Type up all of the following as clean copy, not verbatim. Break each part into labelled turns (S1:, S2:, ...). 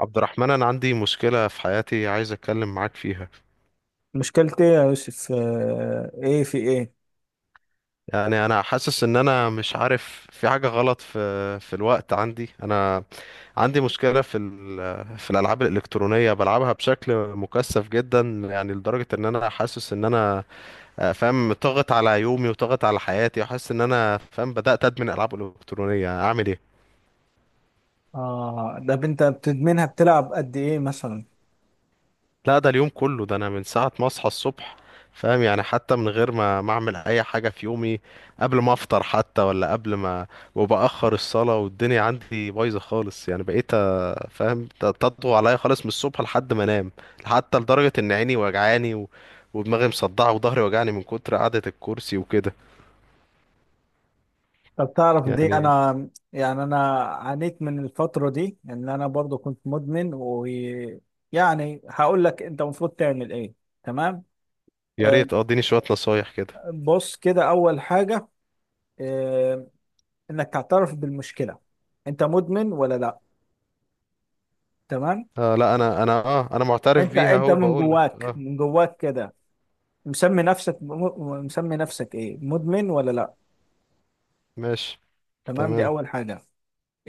S1: عبد الرحمن، أنا عندي مشكلة في حياتي عايز أتكلم معاك فيها.
S2: مشكلتي يا يوسف، ايه؟ في ايه؟
S1: أنا حاسس إن أنا مش عارف، في حاجة غلط في الوقت عندي. أنا عندي مشكلة في الألعاب الإلكترونية، بلعبها بشكل مكثف جدا، يعني لدرجة إن أنا حاسس إن أنا فاهم، طاغت على يومي وطاغت على حياتي، وحاسس إن أنا فاهم بدأت أدمن ألعاب إلكترونية. أعمل إيه؟
S2: اه ده انت بتدمنها، بتلعب قد ايه مثلا؟
S1: لا، ده اليوم كله. ده انا من ساعة ما اصحى الصبح، فاهم، يعني حتى من غير ما اعمل اي حاجة في يومي، قبل ما افطر حتى، ولا قبل ما وبأخر الصلاة. والدنيا عندي بايظة خالص، يعني بقيت فاهم، تطغو عليا خالص من الصبح لحد ما انام. حتى لدرجة ان عيني وجعاني ودماغي مصدعة وظهري وجعني من كتر قعدة الكرسي وكده
S2: طب تعرف دي؟
S1: يعني.
S2: انا يعني انا عانيت من الفترة دي ان انا برضو كنت مدمن، ويعني هقول لك انت المفروض تعمل ايه. تمام.
S1: يا
S2: آه،
S1: ريت اه اديني شوية نصايح كده.
S2: بص، كده اول حاجة، آه، انك تعترف بالمشكلة. انت مدمن ولا لا؟ تمام.
S1: آه، لا انا معترف
S2: انت
S1: بيها،
S2: انت
S1: اهو
S2: من
S1: بقول لك
S2: جواك
S1: اه.
S2: من جواك كده، مسمي نفسك ايه، مدمن ولا لا؟
S1: ماشي.
S2: تمام، دي
S1: تمام.
S2: أول حاجة.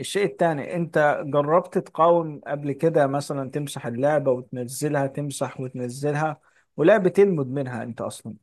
S2: الشيء التاني، أنت جربت تقاوم قبل كده؟ مثلا تمسح اللعبة وتنزلها، تمسح وتنزلها، ولا بتلمد منها أنت أصلا؟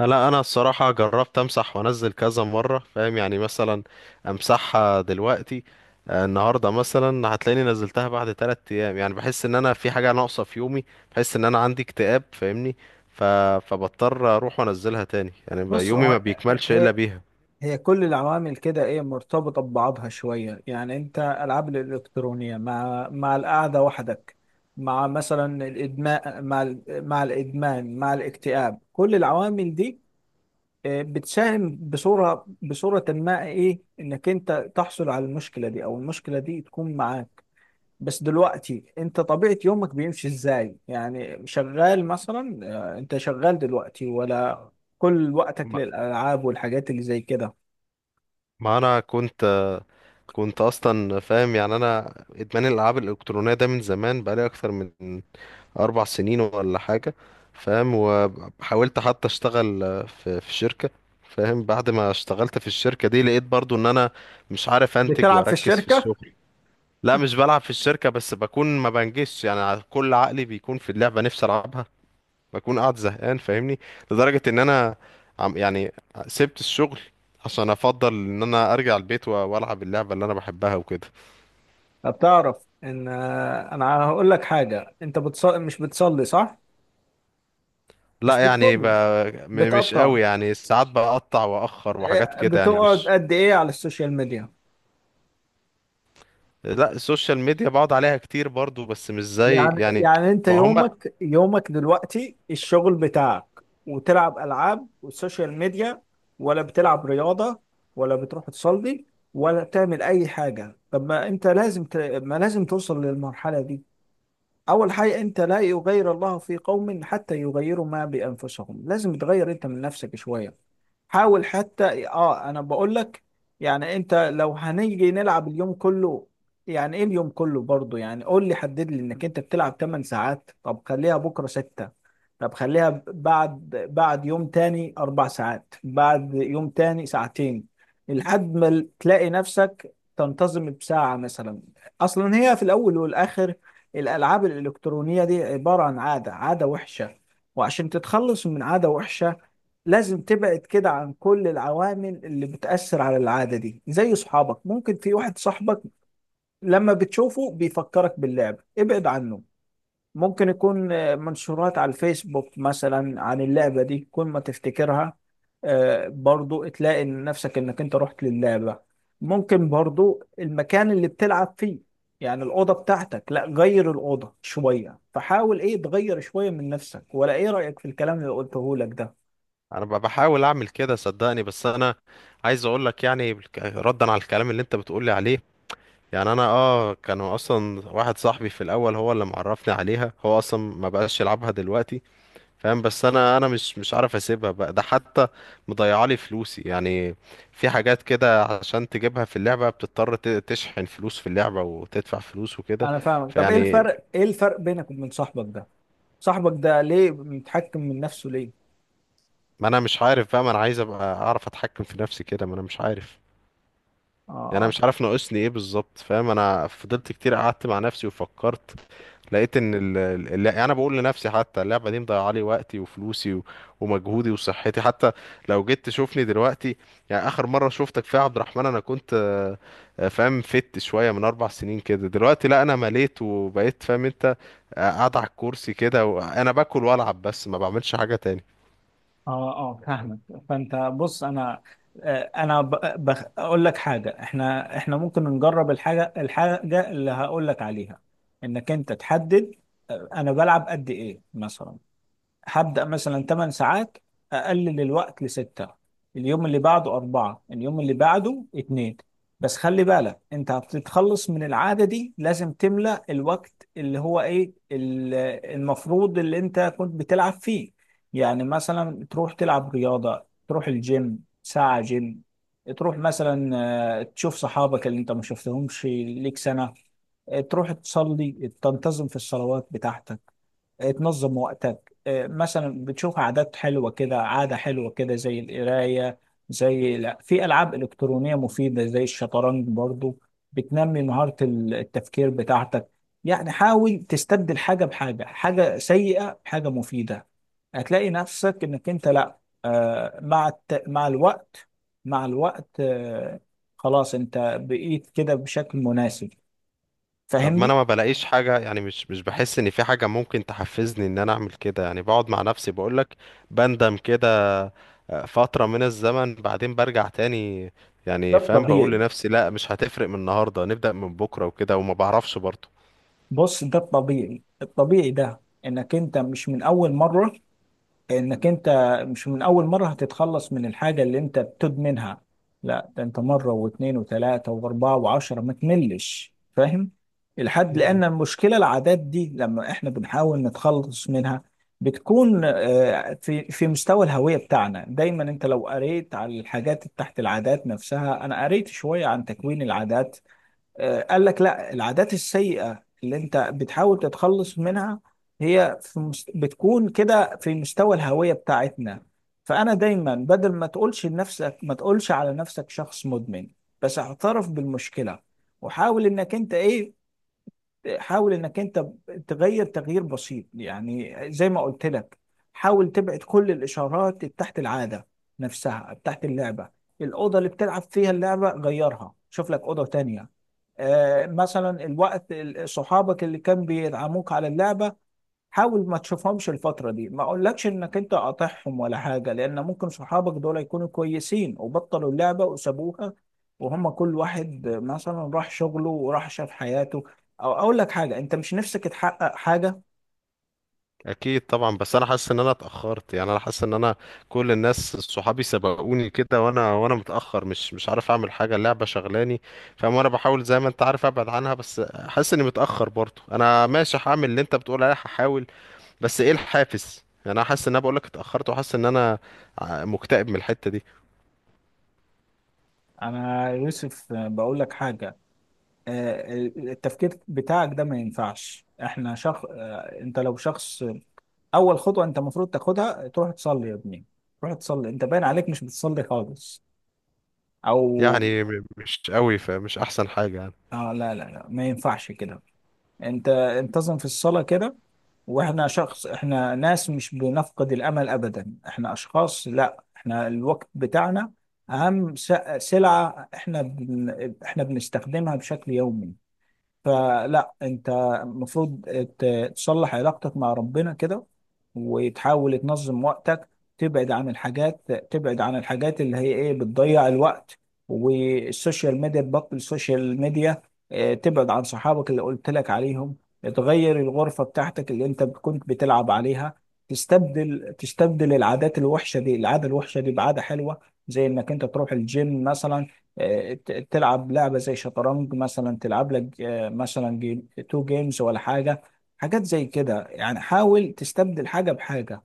S1: لا، انا الصراحه جربت امسح وانزل كذا مره، فاهم، يعني مثلا امسحها دلوقتي، آه، النهارده مثلا هتلاقيني نزلتها بعد 3 ايام. يعني بحس ان انا في حاجه ناقصه في يومي، بحس ان انا عندي اكتئاب، فاهمني؟ ف... فبضطر اروح وانزلها تاني، يعني
S2: بص،
S1: يومي ما بيكملش الا
S2: هي
S1: بيها.
S2: هي كل العوامل كده إيه، مرتبطة ببعضها شوية. يعني أنت ألعاب الإلكترونية مع القعدة وحدك، مع مثلا الإدمان، مع الإدمان، مع الاكتئاب، كل العوامل دي بتساهم بصورة ما ايه انك انت تحصل على المشكلة دي، او المشكلة دي تكون معاك. بس دلوقتي انت طبيعة يومك بيمشي ازاي؟ يعني شغال مثلا؟ انت شغال دلوقتي ولا كل وقتك
S1: ما
S2: للألعاب والحاجات اللي زي كده؟
S1: ما انا كنت كنت اصلا، فاهم، يعني انا ادمان الالعاب الالكترونيه ده من زمان، بقالي اكتر من 4 سنين ولا حاجة، فاهم. وحاولت حتى أشتغل في شركة، فاهم. بعد ما اشتغلت في الشركة دي لقيت برضو إن أنا مش عارف أنتج
S2: بتلعب في
S1: وأركز في
S2: الشركة؟
S1: الشغل. لا، مش بلعب في الشركة، بس بكون ما بنجزش، يعني كل عقلي بيكون في اللعبة، نفسي ألعبها، بكون قاعد زهقان، فاهمني؟ لدرجة إن أنا يعني سبت الشغل عشان أفضل إن أنا أرجع البيت وألعب اللعبة اللي أنا بحبها وكده.
S2: بتعرف ان انا هقول لك حاجة، انت مش بتصلي صح؟ مش
S1: لا يعني ب...
S2: بتصلي؟
S1: م- مش
S2: بتقطع؟
S1: قوي، يعني ساعات بقطع واخر وحاجات كده، يعني
S2: بتقعد
S1: مش.
S2: قد ايه على السوشيال ميديا؟
S1: لا، السوشيال ميديا بقعد عليها كتير برضو، بس مش زي
S2: يعني
S1: يعني.
S2: يعني انت
S1: ما هم.
S2: يومك دلوقتي الشغل بتاعك، وتلعب العاب والسوشيال ميديا، ولا بتلعب رياضة، ولا بتروح تصلي، ولا تعمل اي حاجة؟ طب ما انت لازم ما لازم توصل للمرحلة دي. اول حاجة، انت لا يغير الله في قوم حتى يغيروا ما بانفسهم، لازم تغير انت من نفسك شوية. حاول حتى، انا بقول لك. يعني انت لو هنيجي نلعب اليوم كله، يعني ايه اليوم كله برضو؟ يعني قول لي، حدد لي انك انت بتلعب 8 ساعات، طب خليها بكره 6، طب خليها بعد يوم تاني 4 ساعات، بعد يوم تاني ساعتين، لحد ما تلاقي نفسك تنتظم بساعة مثلا. اصلا هي في الاول والاخر الالعاب الالكترونية دي عبارة عن عادة وحشة، وعشان تتخلص من عادة وحشة لازم تبعد كده عن كل العوامل اللي بتأثر على العادة دي. زي صحابك، ممكن في واحد صاحبك لما بتشوفه بيفكرك باللعبة، ابعد عنه. ممكن يكون منشورات على الفيسبوك مثلا عن اللعبة دي، كل ما تفتكرها برضو تلاقي إن نفسك انك انت رحت للعبة. ممكن برضو المكان اللي بتلعب فيه، يعني الأوضة بتاعتك، لا غير الأوضة شوية. فحاول ايه تغير شوية من نفسك. ولا ايه رأيك في الكلام اللي قلته لك ده؟
S1: انا بحاول اعمل كده صدقني، بس انا عايز اقول لك يعني ردا على الكلام اللي انت بتقولي عليه. يعني انا اه كانوا اصلا، واحد صاحبي في الاول هو اللي معرفني عليها، هو اصلا ما بقاش يلعبها دلوقتي، فاهم. بس انا، انا مش عارف اسيبها بقى. ده حتى مضيعه لي فلوسي يعني، في حاجات كده عشان تجيبها في اللعبة بتضطر تشحن فلوس في اللعبة وتدفع فلوس وكده.
S2: انا فاهمك. طب ايه
S1: فيعني
S2: الفرق، بينك وبين صاحبك ده؟ صاحبك ده ليه متحكم من نفسه، ليه؟
S1: ما انا مش عارف بقى، ما انا عايز ابقى اعرف اتحكم في نفسي كده، ما انا مش عارف. يعني انا
S2: اه،
S1: مش عارف ناقصني ايه بالظبط، فاهم. انا فضلت كتير قعدت مع نفسي وفكرت، لقيت ان يعني انا بقول لنفسي حتى اللعبه دي مضيعه لي وقتي وفلوسي ومجهودي وصحتي حتى. لو جيت تشوفني دلوقتي، يعني اخر مره شفتك فيها يا عبد الرحمن انا كنت فاهم، فت شويه من اربع سنين كده. دلوقتي لا، انا مليت وبقيت، فاهم انت، قاعد على الكرسي كده وانا باكل والعب، بس ما بعملش حاجه تاني.
S2: اه، اه، فاهمك. فانت بص، انا اقول لك حاجه، احنا ممكن نجرب الحاجه اللي هقول لك عليها. انك انت تحدد انا بلعب قد ايه مثلا. هبدأ مثلا 8 ساعات، أقلل الوقت ل6، اليوم اللي بعده 4، اليوم اللي بعده 2. بس خلي بالك أنت هتتخلص من العادة دي، لازم تملأ الوقت اللي هو إيه، المفروض اللي أنت كنت بتلعب فيه. يعني مثلا تروح تلعب رياضة، تروح الجيم ساعة جيم. تروح مثلا تشوف صحابك اللي أنت ما شفتهمش ليك سنة. تروح تصلي، تنتظم في الصلوات بتاعتك، تنظم وقتك، مثلا بتشوف عادات حلوة كده. عادة حلوة كده زي القراية، زي لا في ألعاب إلكترونية مفيدة زي الشطرنج برضو، بتنمي مهارة التفكير بتاعتك. يعني حاول تستبدل حاجة بحاجة، حاجة سيئة بحاجة مفيدة. هتلاقي نفسك إنك أنت، لا مع الوقت، مع الوقت خلاص أنت بقيت كده بشكل مناسب.
S1: طب ما انا
S2: فاهمني؟
S1: ما بلاقيش حاجة، يعني مش بحس ان في حاجة ممكن تحفزني ان انا اعمل كده. يعني بقعد مع نفسي بقولك بندم كده فترة من الزمن، بعدين برجع تاني،
S2: ده
S1: يعني فاهم، بقول
S2: طبيعي.
S1: لنفسي لا مش هتفرق، من النهاردة نبدأ، من بكرة وكده، وما بعرفش برضه.
S2: بص، ده الطبيعي، ده انك انت مش من اول مرة هتتخلص من الحاجة اللي انت بتدمنها. لا ده انت مرة واثنين وثلاثة واربعة وعشرة ما تملش، فاهم الحد؟ لان المشكلة العادات دي لما احنا بنحاول نتخلص منها بتكون في مستوى الهوية بتاعنا دايما. انت لو قريت على الحاجات تحت العادات نفسها، انا قريت شوية عن تكوين العادات. قال لك لا، العادات السيئة اللي انت بتحاول تتخلص منها بتكون كده في مستوى الهوية بتاعتنا. فأنا دايما بدل ما تقولش على نفسك شخص مدمن، بس اعترف بالمشكلة. وحاول انك انت تغير تغيير بسيط. يعني زي ما قلت لك، حاول تبعد كل الاشارات بتاعت العاده نفسها، بتاعت اللعبه. الاوضه اللي بتلعب فيها اللعبه، غيرها، شوف لك اوضه تانية. مثلا الوقت، صحابك اللي كان بيدعموك على اللعبه، حاول ما تشوفهمش الفترة دي. ما اقولكش انك انت قاطعهم ولا حاجة، لان ممكن صحابك دول يكونوا كويسين وبطلوا اللعبة وسابوها، وهم كل واحد مثلا راح شغله وراح شاف حياته. او اقول لك حاجة، انت مش نفسك تحقق حاجة؟
S1: اكيد طبعا، بس انا حاسس ان انا اتاخرت، يعني انا حاسس ان انا كل الناس صحابي سبقوني كده، وانا متاخر، مش عارف اعمل حاجه، اللعبه شغلاني، فاهم. وانا بحاول زي ما انت عارف ابعد عنها، بس حاسس اني متاخر برضه. انا ماشي هعمل اللي انت بتقول عليه، هحاول، بس ايه الحافز؟ يعني انا حاسس ان انا بقول لك اتاخرت، وحاسس ان انا مكتئب من الحته دي.
S2: انا يوسف بقول لك حاجة، آه، التفكير بتاعك ده ما ينفعش. احنا شخص، انت لو شخص، اول خطوه انت المفروض تاخدها تروح تصلي يا ابني. تروح تصلي، انت باين عليك مش بتصلي خالص. او
S1: يعني مش قوي، فمش احسن حاجه يعني.
S2: اه لا، لا، لا، ما ينفعش كده. انت انتظم في الصلاة كده. واحنا شخص، احنا ناس مش بنفقد الامل ابدا. احنا اشخاص، لا احنا الوقت بتاعنا اهم سلعة، احنا بنستخدمها بشكل يومي. فلا انت المفروض تصلح علاقتك مع ربنا كده، وتحاول تنظم وقتك، تبعد عن الحاجات، اللي هي ايه بتضيع الوقت، والسوشيال ميديا، تبطل السوشيال ميديا. اه، تبعد عن صحابك اللي قلت لك عليهم. تغير الغرفة بتاعتك اللي انت كنت بتلعب عليها. تستبدل العادات الوحشة دي العادة الوحشة دي بعادة حلوة، زي انك انت تروح الجيم مثلا، تلعب لعبة زي شطرنج مثلا. تلعب لك مثلا جيم تو جيمز ولا حاجة، حاجات زي كده. يعني حاول تستبدل حاجة بحاجة.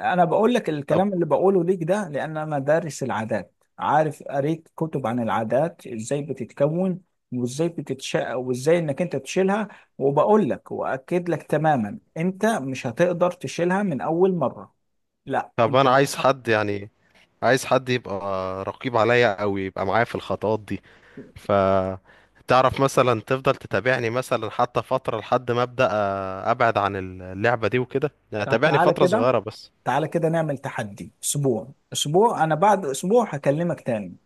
S2: أنا بقول لك
S1: طب
S2: الكلام اللي بقوله ليك ده، لأن أنا دارس العادات، عارف، قريت كتب عن العادات إزاي بتتكون، وإزاي بتتشق، وإزاي إنك أنت تشيلها. وبقول لك وأكد لك تماما، أنت مش هتقدر تشيلها من أول مرة. لا
S1: طب
S2: أنت
S1: انا عايز
S2: بتحط.
S1: حد يعني، عايز حد يبقى رقيب عليا، او يبقى معايا في الخطوات دي. ف تعرف مثلا تفضل تتابعني مثلا حتى فترة لحد ما أبدأ أبعد عن اللعبة دي وكده، يعني
S2: طب
S1: تابعني
S2: تعالى
S1: فترة
S2: كده،
S1: صغيرة بس.
S2: نعمل تحدي اسبوع، اسبوع انا بعد اسبوع هكلمك تاني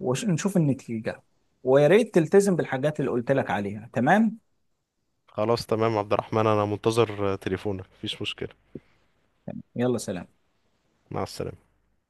S2: ونشوف النتيجة. ويا ريت تلتزم بالحاجات اللي قلت لك عليها. تمام.
S1: خلاص تمام يا عبد الرحمن، أنا منتظر تليفونك، مفيش مشكلة.
S2: يلا، سلام.
S1: مع السلامة.